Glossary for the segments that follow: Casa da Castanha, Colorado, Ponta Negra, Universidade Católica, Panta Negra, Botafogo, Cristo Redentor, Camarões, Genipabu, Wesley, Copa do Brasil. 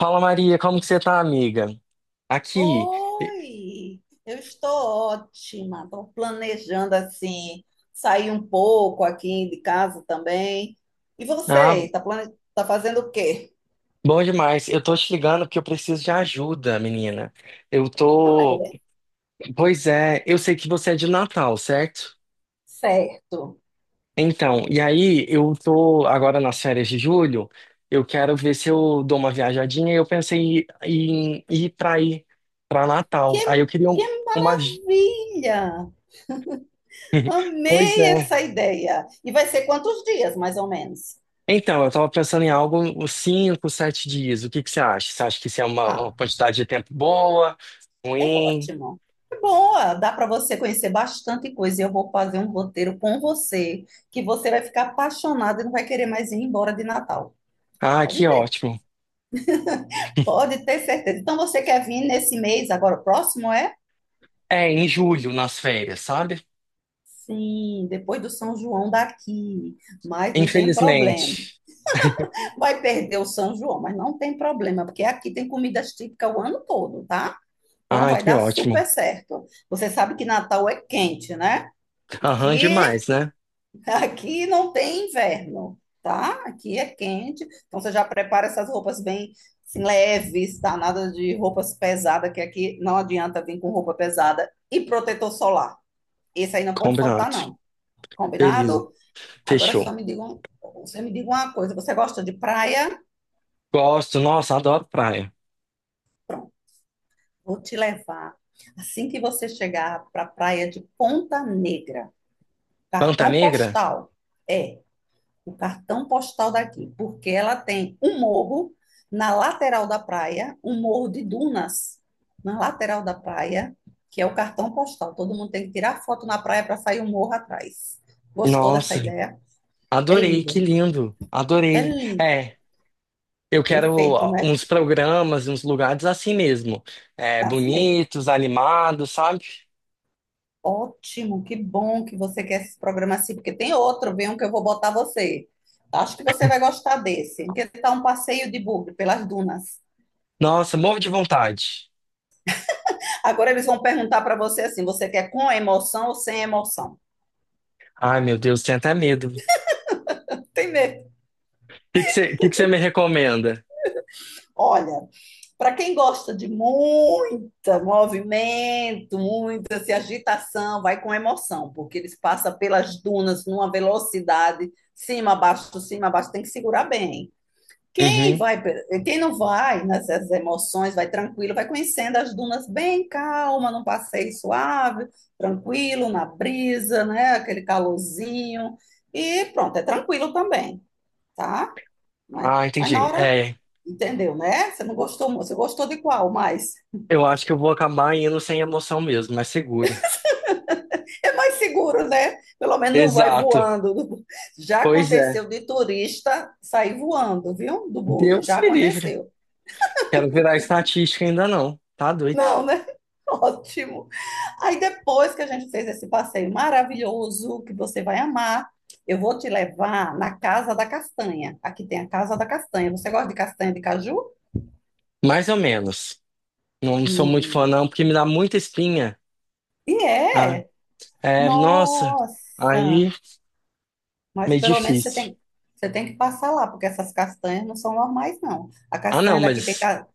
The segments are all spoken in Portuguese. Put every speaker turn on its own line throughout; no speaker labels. Fala Maria, como que você tá, amiga? Aqui.
Oi, eu estou ótima. Estou planejando assim sair um pouco aqui de casa também. E
Ah,
você, tá fazendo o quê?
bom demais. Eu tô te ligando porque eu preciso de ajuda, menina. Eu
Ah,
tô.
é,
Pois é, eu sei que você é de Natal, certo?
certo.
Então, e aí eu tô agora nas férias de julho. Eu quero ver se eu dou uma viajadinha. Eu pensei em ir pra
Que,
Natal. Aí eu queria
que
uma.
maravilha!
Pois
Amei
é.
essa ideia. E vai ser quantos dias, mais ou menos?
Então, eu estava pensando em algo uns 5, 7 dias. O que que você acha? Você acha que isso é uma
Ah,
quantidade de tempo boa?
é
Ruim?
ótimo. É boa, dá para você conhecer bastante coisa. E eu vou fazer um roteiro com você que você vai ficar apaixonado e não vai querer mais ir embora de Natal.
Ah,
Pode
que
ter.
ótimo.
Pode ter certeza. Então você quer vir nesse mês, agora o próximo é?
É, em julho, nas férias, sabe?
Sim, depois do São João daqui. Mas não tem
Infelizmente.
problema. Vai perder o São João, mas não tem problema, porque aqui tem comidas típicas o ano todo, tá? Então
Ah,
vai
que
dar
ótimo.
super certo. Você sabe que Natal é quente, né?
Aham,
Que
demais, né?
Aqui não tem inverno, tá? Aqui é quente, então você já prepara essas roupas bem assim, leves, tá? Nada de roupas pesadas, que aqui não adianta vir com roupa pesada. E protetor solar. Esse aí não pode faltar,
Combinado.
não.
Beleza.
Combinado? Agora
Fechou.
você me diga uma coisa, você gosta de praia?
Gosto. Nossa, adoro praia.
Pronto, vou te levar. Assim que você chegar para a praia de Ponta Negra,
Panta
cartão
Negra?
postal. É, o cartão postal daqui, porque ela tem um morro na lateral da praia, um morro de dunas na lateral da praia, que é o cartão postal. Todo mundo tem que tirar foto na praia para sair um morro atrás. Gostou dessa
Nossa,
ideia? É
adorei. Que
lindo,
lindo.
é
Adorei.
lindo,
É. Eu quero
perfeito, né?
uns programas, uns lugares assim mesmo. É,
É. Assim mesmo.
bonitos, animados, sabe?
Ótimo, que bom que você quer esse programa assim, porque tem outro, vem um que eu vou botar você. Acho que você vai gostar desse, que tá um passeio de buggy pelas dunas.
Nossa, morro de vontade.
Agora eles vão perguntar para você assim: você quer com emoção ou sem emoção?
Ai, meu Deus, tenho até medo. O
Tem medo.
que que você me recomenda?
Olha, para quem gosta de muito movimento, muita assim, agitação, vai com emoção, porque eles passam pelas dunas numa velocidade, cima, abaixo, tem que segurar bem. Quem
Uhum.
vai, quem não vai nessas emoções, vai tranquilo, vai conhecendo as dunas bem calma, num passeio suave, tranquilo, na brisa, né? Aquele calorzinho. E pronto, é tranquilo também, tá? Mas,
Ah,
mas na
entendi.
hora,
É,
entendeu, né? Você não gostou, muito, você gostou de qual?
eu acho que eu vou acabar indo sem emoção mesmo, mais seguro.
É mais seguro, né? Pelo menos não vai
Exato.
voando. Já
Pois é.
aconteceu de turista sair voando, viu? Do bug,
Deus
já
me livre.
aconteceu.
Quero virar estatística ainda não. Tá doido.
Não, né? Ótimo. Aí depois que a gente fez esse passeio maravilhoso, que você vai amar, eu vou te levar na Casa da Castanha. Aqui tem a Casa da Castanha. Você gosta de castanha de caju?
Mais ou menos. Não sou muito fã
Hum.
não, porque me dá muita espinha.
E
Ah,
é!
é, nossa.
Nossa!
Aí.
Mas
Meio
pelo menos
difícil.
você tem que passar lá, porque essas castanhas não são normais, não. A
Ah, não,
castanha daqui tem,
mas.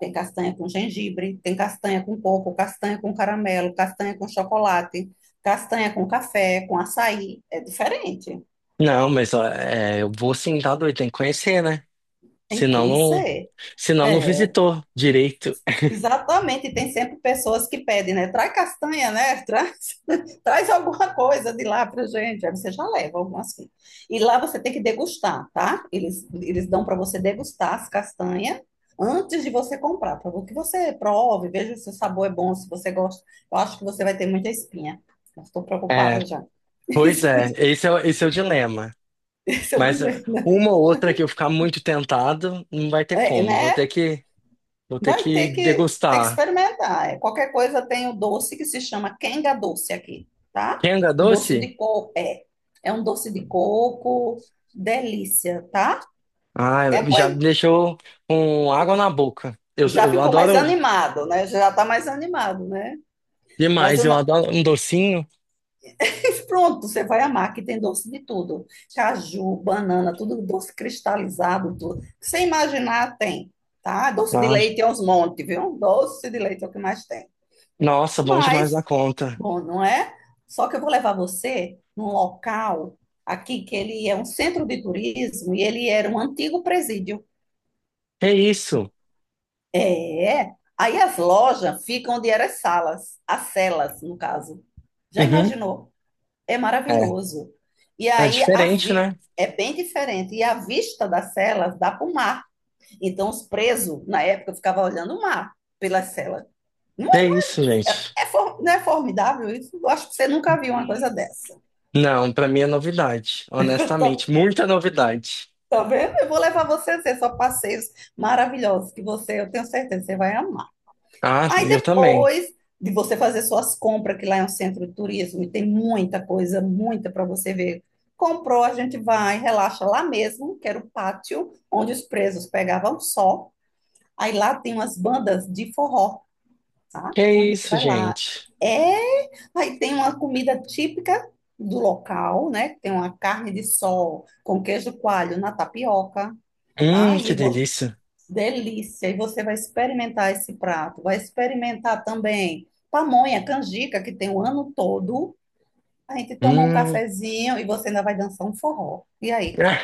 tem castanha com gengibre, tem castanha com coco, castanha com caramelo, castanha com chocolate, castanha com café, com açaí. É diferente.
Não, mas ó, é, eu vou sentado tá. Tem que conhecer, né?
Tem que
Senão não.
conhecer.
Senão não
É,
visitou direito.
exatamente. Tem sempre pessoas que pedem, né? Traz castanha, né? Traz alguma coisa de lá pra gente. Aí você já leva alguma assim. E lá você tem que degustar, tá? Eles dão para você degustar as castanhas antes de você comprar, para que você prove, veja se o sabor é bom, se você gosta. Eu acho que você vai ter muita espinha. Eu estou
É,
preocupada já.
pois é, esse é o dilema.
Isso é o de
Mas ó,
medo, né?
uma ou outra que eu ficar muito tentado, não vai ter
É,
como. Vou
né?
ter que, vou ter
Vai ter
que
que,
degustar.
experimentar. É, qualquer coisa tem o doce que se chama quenga doce aqui, tá?
Kenga
Doce
doce?
de coco, é. É um doce de coco, delícia, tá?
Ah, já me
Depois
deixou com água na boca. Eu,
já
eu
ficou mais
adoro
animado, né? Já tá mais animado, né? Mas
demais,
eu
eu
não...
adoro um docinho.
pronto, você vai amar que tem doce de tudo. Caju, banana, tudo doce cristalizado, tudo. Sem imaginar tem, tá? Doce de
Ah,
leite é uns montes, viu? Doce de leite é o que mais tem.
nossa, bom demais
Mas
na conta.
bom, não é? Só que eu vou levar você num local aqui que ele é um centro de turismo e ele era um antigo presídio.
É isso.
É. Aí as lojas ficam onde eram as salas, as celas, no caso. Já
Uhum.
imaginou? É
É.
maravilhoso. E
É
aí
diferente, né?
é bem diferente. E a vista das celas dá para o mar. Então os presos, na época, ficavam olhando o mar pelas celas. Não é,
É isso, gente.
não é formidável isso? Eu acho que você nunca viu uma coisa
Hum.
dessa.
Não, pra mim é novidade, honestamente, muita novidade.
Tá vendo? Eu vou levar você a ver só passeios maravilhosos que você, eu tenho certeza, você vai amar.
Ah,
Aí
eu também.
depois de você fazer suas compras, que lá é um centro de turismo e tem muita coisa, muita para você ver. Comprou, a gente vai, relaxa lá mesmo, que era o pátio onde os presos pegavam sol. Aí lá tem umas bandas de forró, tá?
Que
Então a gente
isso,
vai lá.
gente.
É, aí tem uma comida típica do local, né? Tem uma carne de sol com queijo coalho na tapioca. Tá?
Que delícia.
Delícia! E você vai experimentar esse prato, vai experimentar também pamonha, canjica, que tem o ano todo. A gente toma um
Hum.
cafezinho e você ainda vai dançar um forró. E aí?
Ah,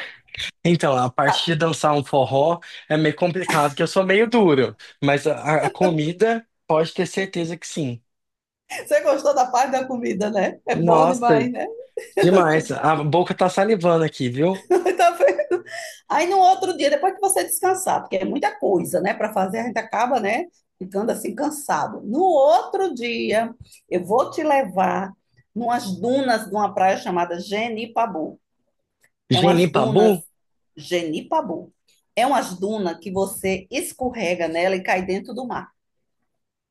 então, a parte
Tá.
de dançar um forró é meio complicado, que eu sou meio duro, mas a comida pode ter certeza que sim.
Você gostou da parte da comida, né? É bom
Nossa,
demais, né?
demais. A boca tá salivando aqui, viu?
Tá vendo? Aí no outro dia, depois que você descansar, porque é muita coisa, né, para fazer, a gente acaba, né, ficando assim cansado. No outro dia, eu vou te levar numas dunas de uma praia chamada Genipabu. É umas dunas
Genipabu?
Genipabu. É umas dunas que você escorrega nela e cai dentro do mar.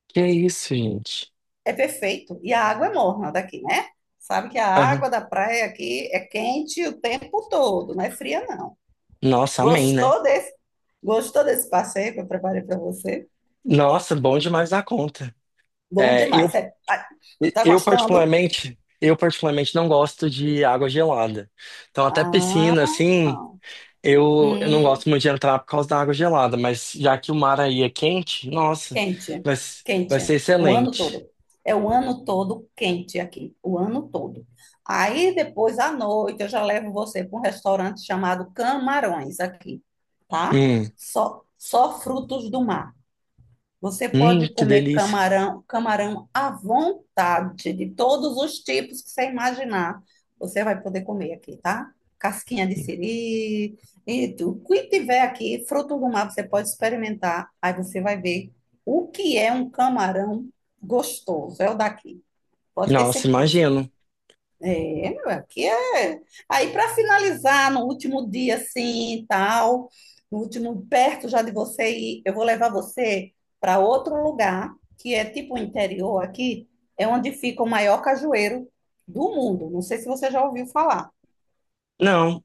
Que isso, gente.
É perfeito. E a água é morna daqui, né? Sabe que a água
Aham.
da praia aqui é quente o tempo todo, não é fria, não.
Nossa, amém, né?
Gostou desse, gostou desse passeio que eu preparei para você?
Nossa, bom demais da conta.
Bom
É, eu,
demais. É, ah, tá gostando?
eu particularmente não gosto de água gelada. Então até
Ah,
piscina, assim, eu não
hum,
gosto muito de entrar por causa da água gelada, mas já que o mar aí é quente, nossa,
quente,
vai ser
quente, o ano
excelente.
todo. É o ano todo quente aqui, o ano todo. Aí depois à noite eu já levo você para um restaurante chamado Camarões aqui, tá?
Hum,
Só frutos do mar. Você pode
que
comer
delícia.
camarão, camarão à vontade, de todos os tipos que você imaginar. Você vai poder comer aqui, tá? Casquinha de siri, o que tiver aqui, fruto do mar, você pode experimentar. Aí você vai ver o que é um camarão gostoso. É o daqui, pode ter
Nossa,
certeza.
imagino.
É, meu, aqui é. Aí, para finalizar, no último dia, assim, e tal, no último, perto já de você ir, eu vou levar você para outro lugar, que é tipo o interior aqui, é onde fica o maior cajueiro do mundo. Não sei se você já ouviu falar.
Não,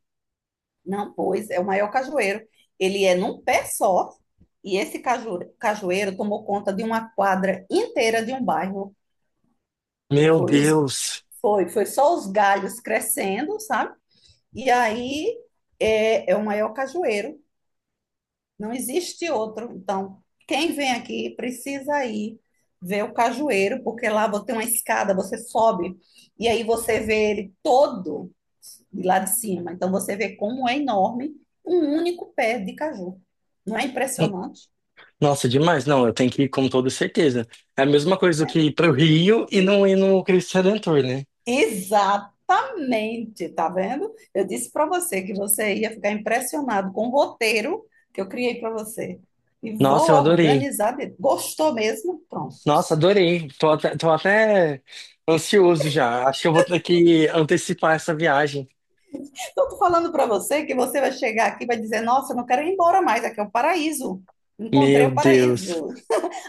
Não, pois, é o maior cajueiro. Ele é num pé só, e esse cajueiro tomou conta de uma quadra inteira de um bairro.
meu
Foi os,
Deus.
foi só os galhos crescendo, sabe? E aí é o maior cajueiro, não existe outro. Então, quem vem aqui precisa ir ver o cajueiro, porque lá você tem uma escada, você sobe e aí você vê ele todo de lá de cima. Então, você vê como é enorme um único pé de caju. Não é impressionante?
Nossa, demais. Não, eu tenho que ir com toda certeza. É a mesma coisa do que
É.
ir para o Rio e não ir no Cristo Redentor, né?
Exatamente, tá vendo? Eu disse para você que você ia ficar impressionado com o roteiro que eu criei para você. E vou
Nossa, eu adorei.
organizar. Gostou mesmo? Pronto.
Nossa, adorei. Tô até ansioso já. Acho que eu vou ter que antecipar essa viagem.
Então, eu tô falando para você que você vai chegar aqui e vai dizer: Nossa, eu não quero ir embora mais, aqui é o paraíso. Encontrei
Meu
o
Deus.
paraíso.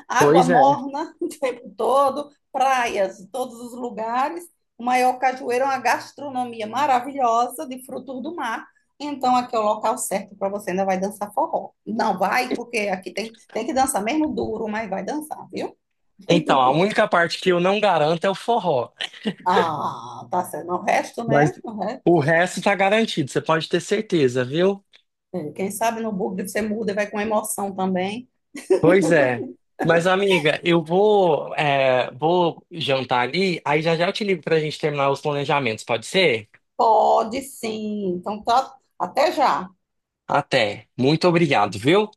Água
Pois é.
morna o tempo todo, praias em todos os lugares. O maior cajueiro é uma gastronomia maravilhosa de frutos do mar. Então, aqui é o local certo para você. Ainda vai dançar forró. Não vai, porque aqui tem, tem que dançar mesmo duro, mas vai dançar, viu?
Então, a única parte que eu não garanto é o forró.
Ah, tá certo. O resto, né?
Mas
O resto,
o resto tá garantido, você pode ter certeza, viu?
é, quem sabe no bug você muda e vai com emoção também.
Pois é. Mas, amiga, eu vou, é, vou jantar ali, aí já já eu te ligo pra gente terminar os planejamentos, pode ser?
Pode sim. Então, tá. Até já.
Até. Muito obrigado, viu?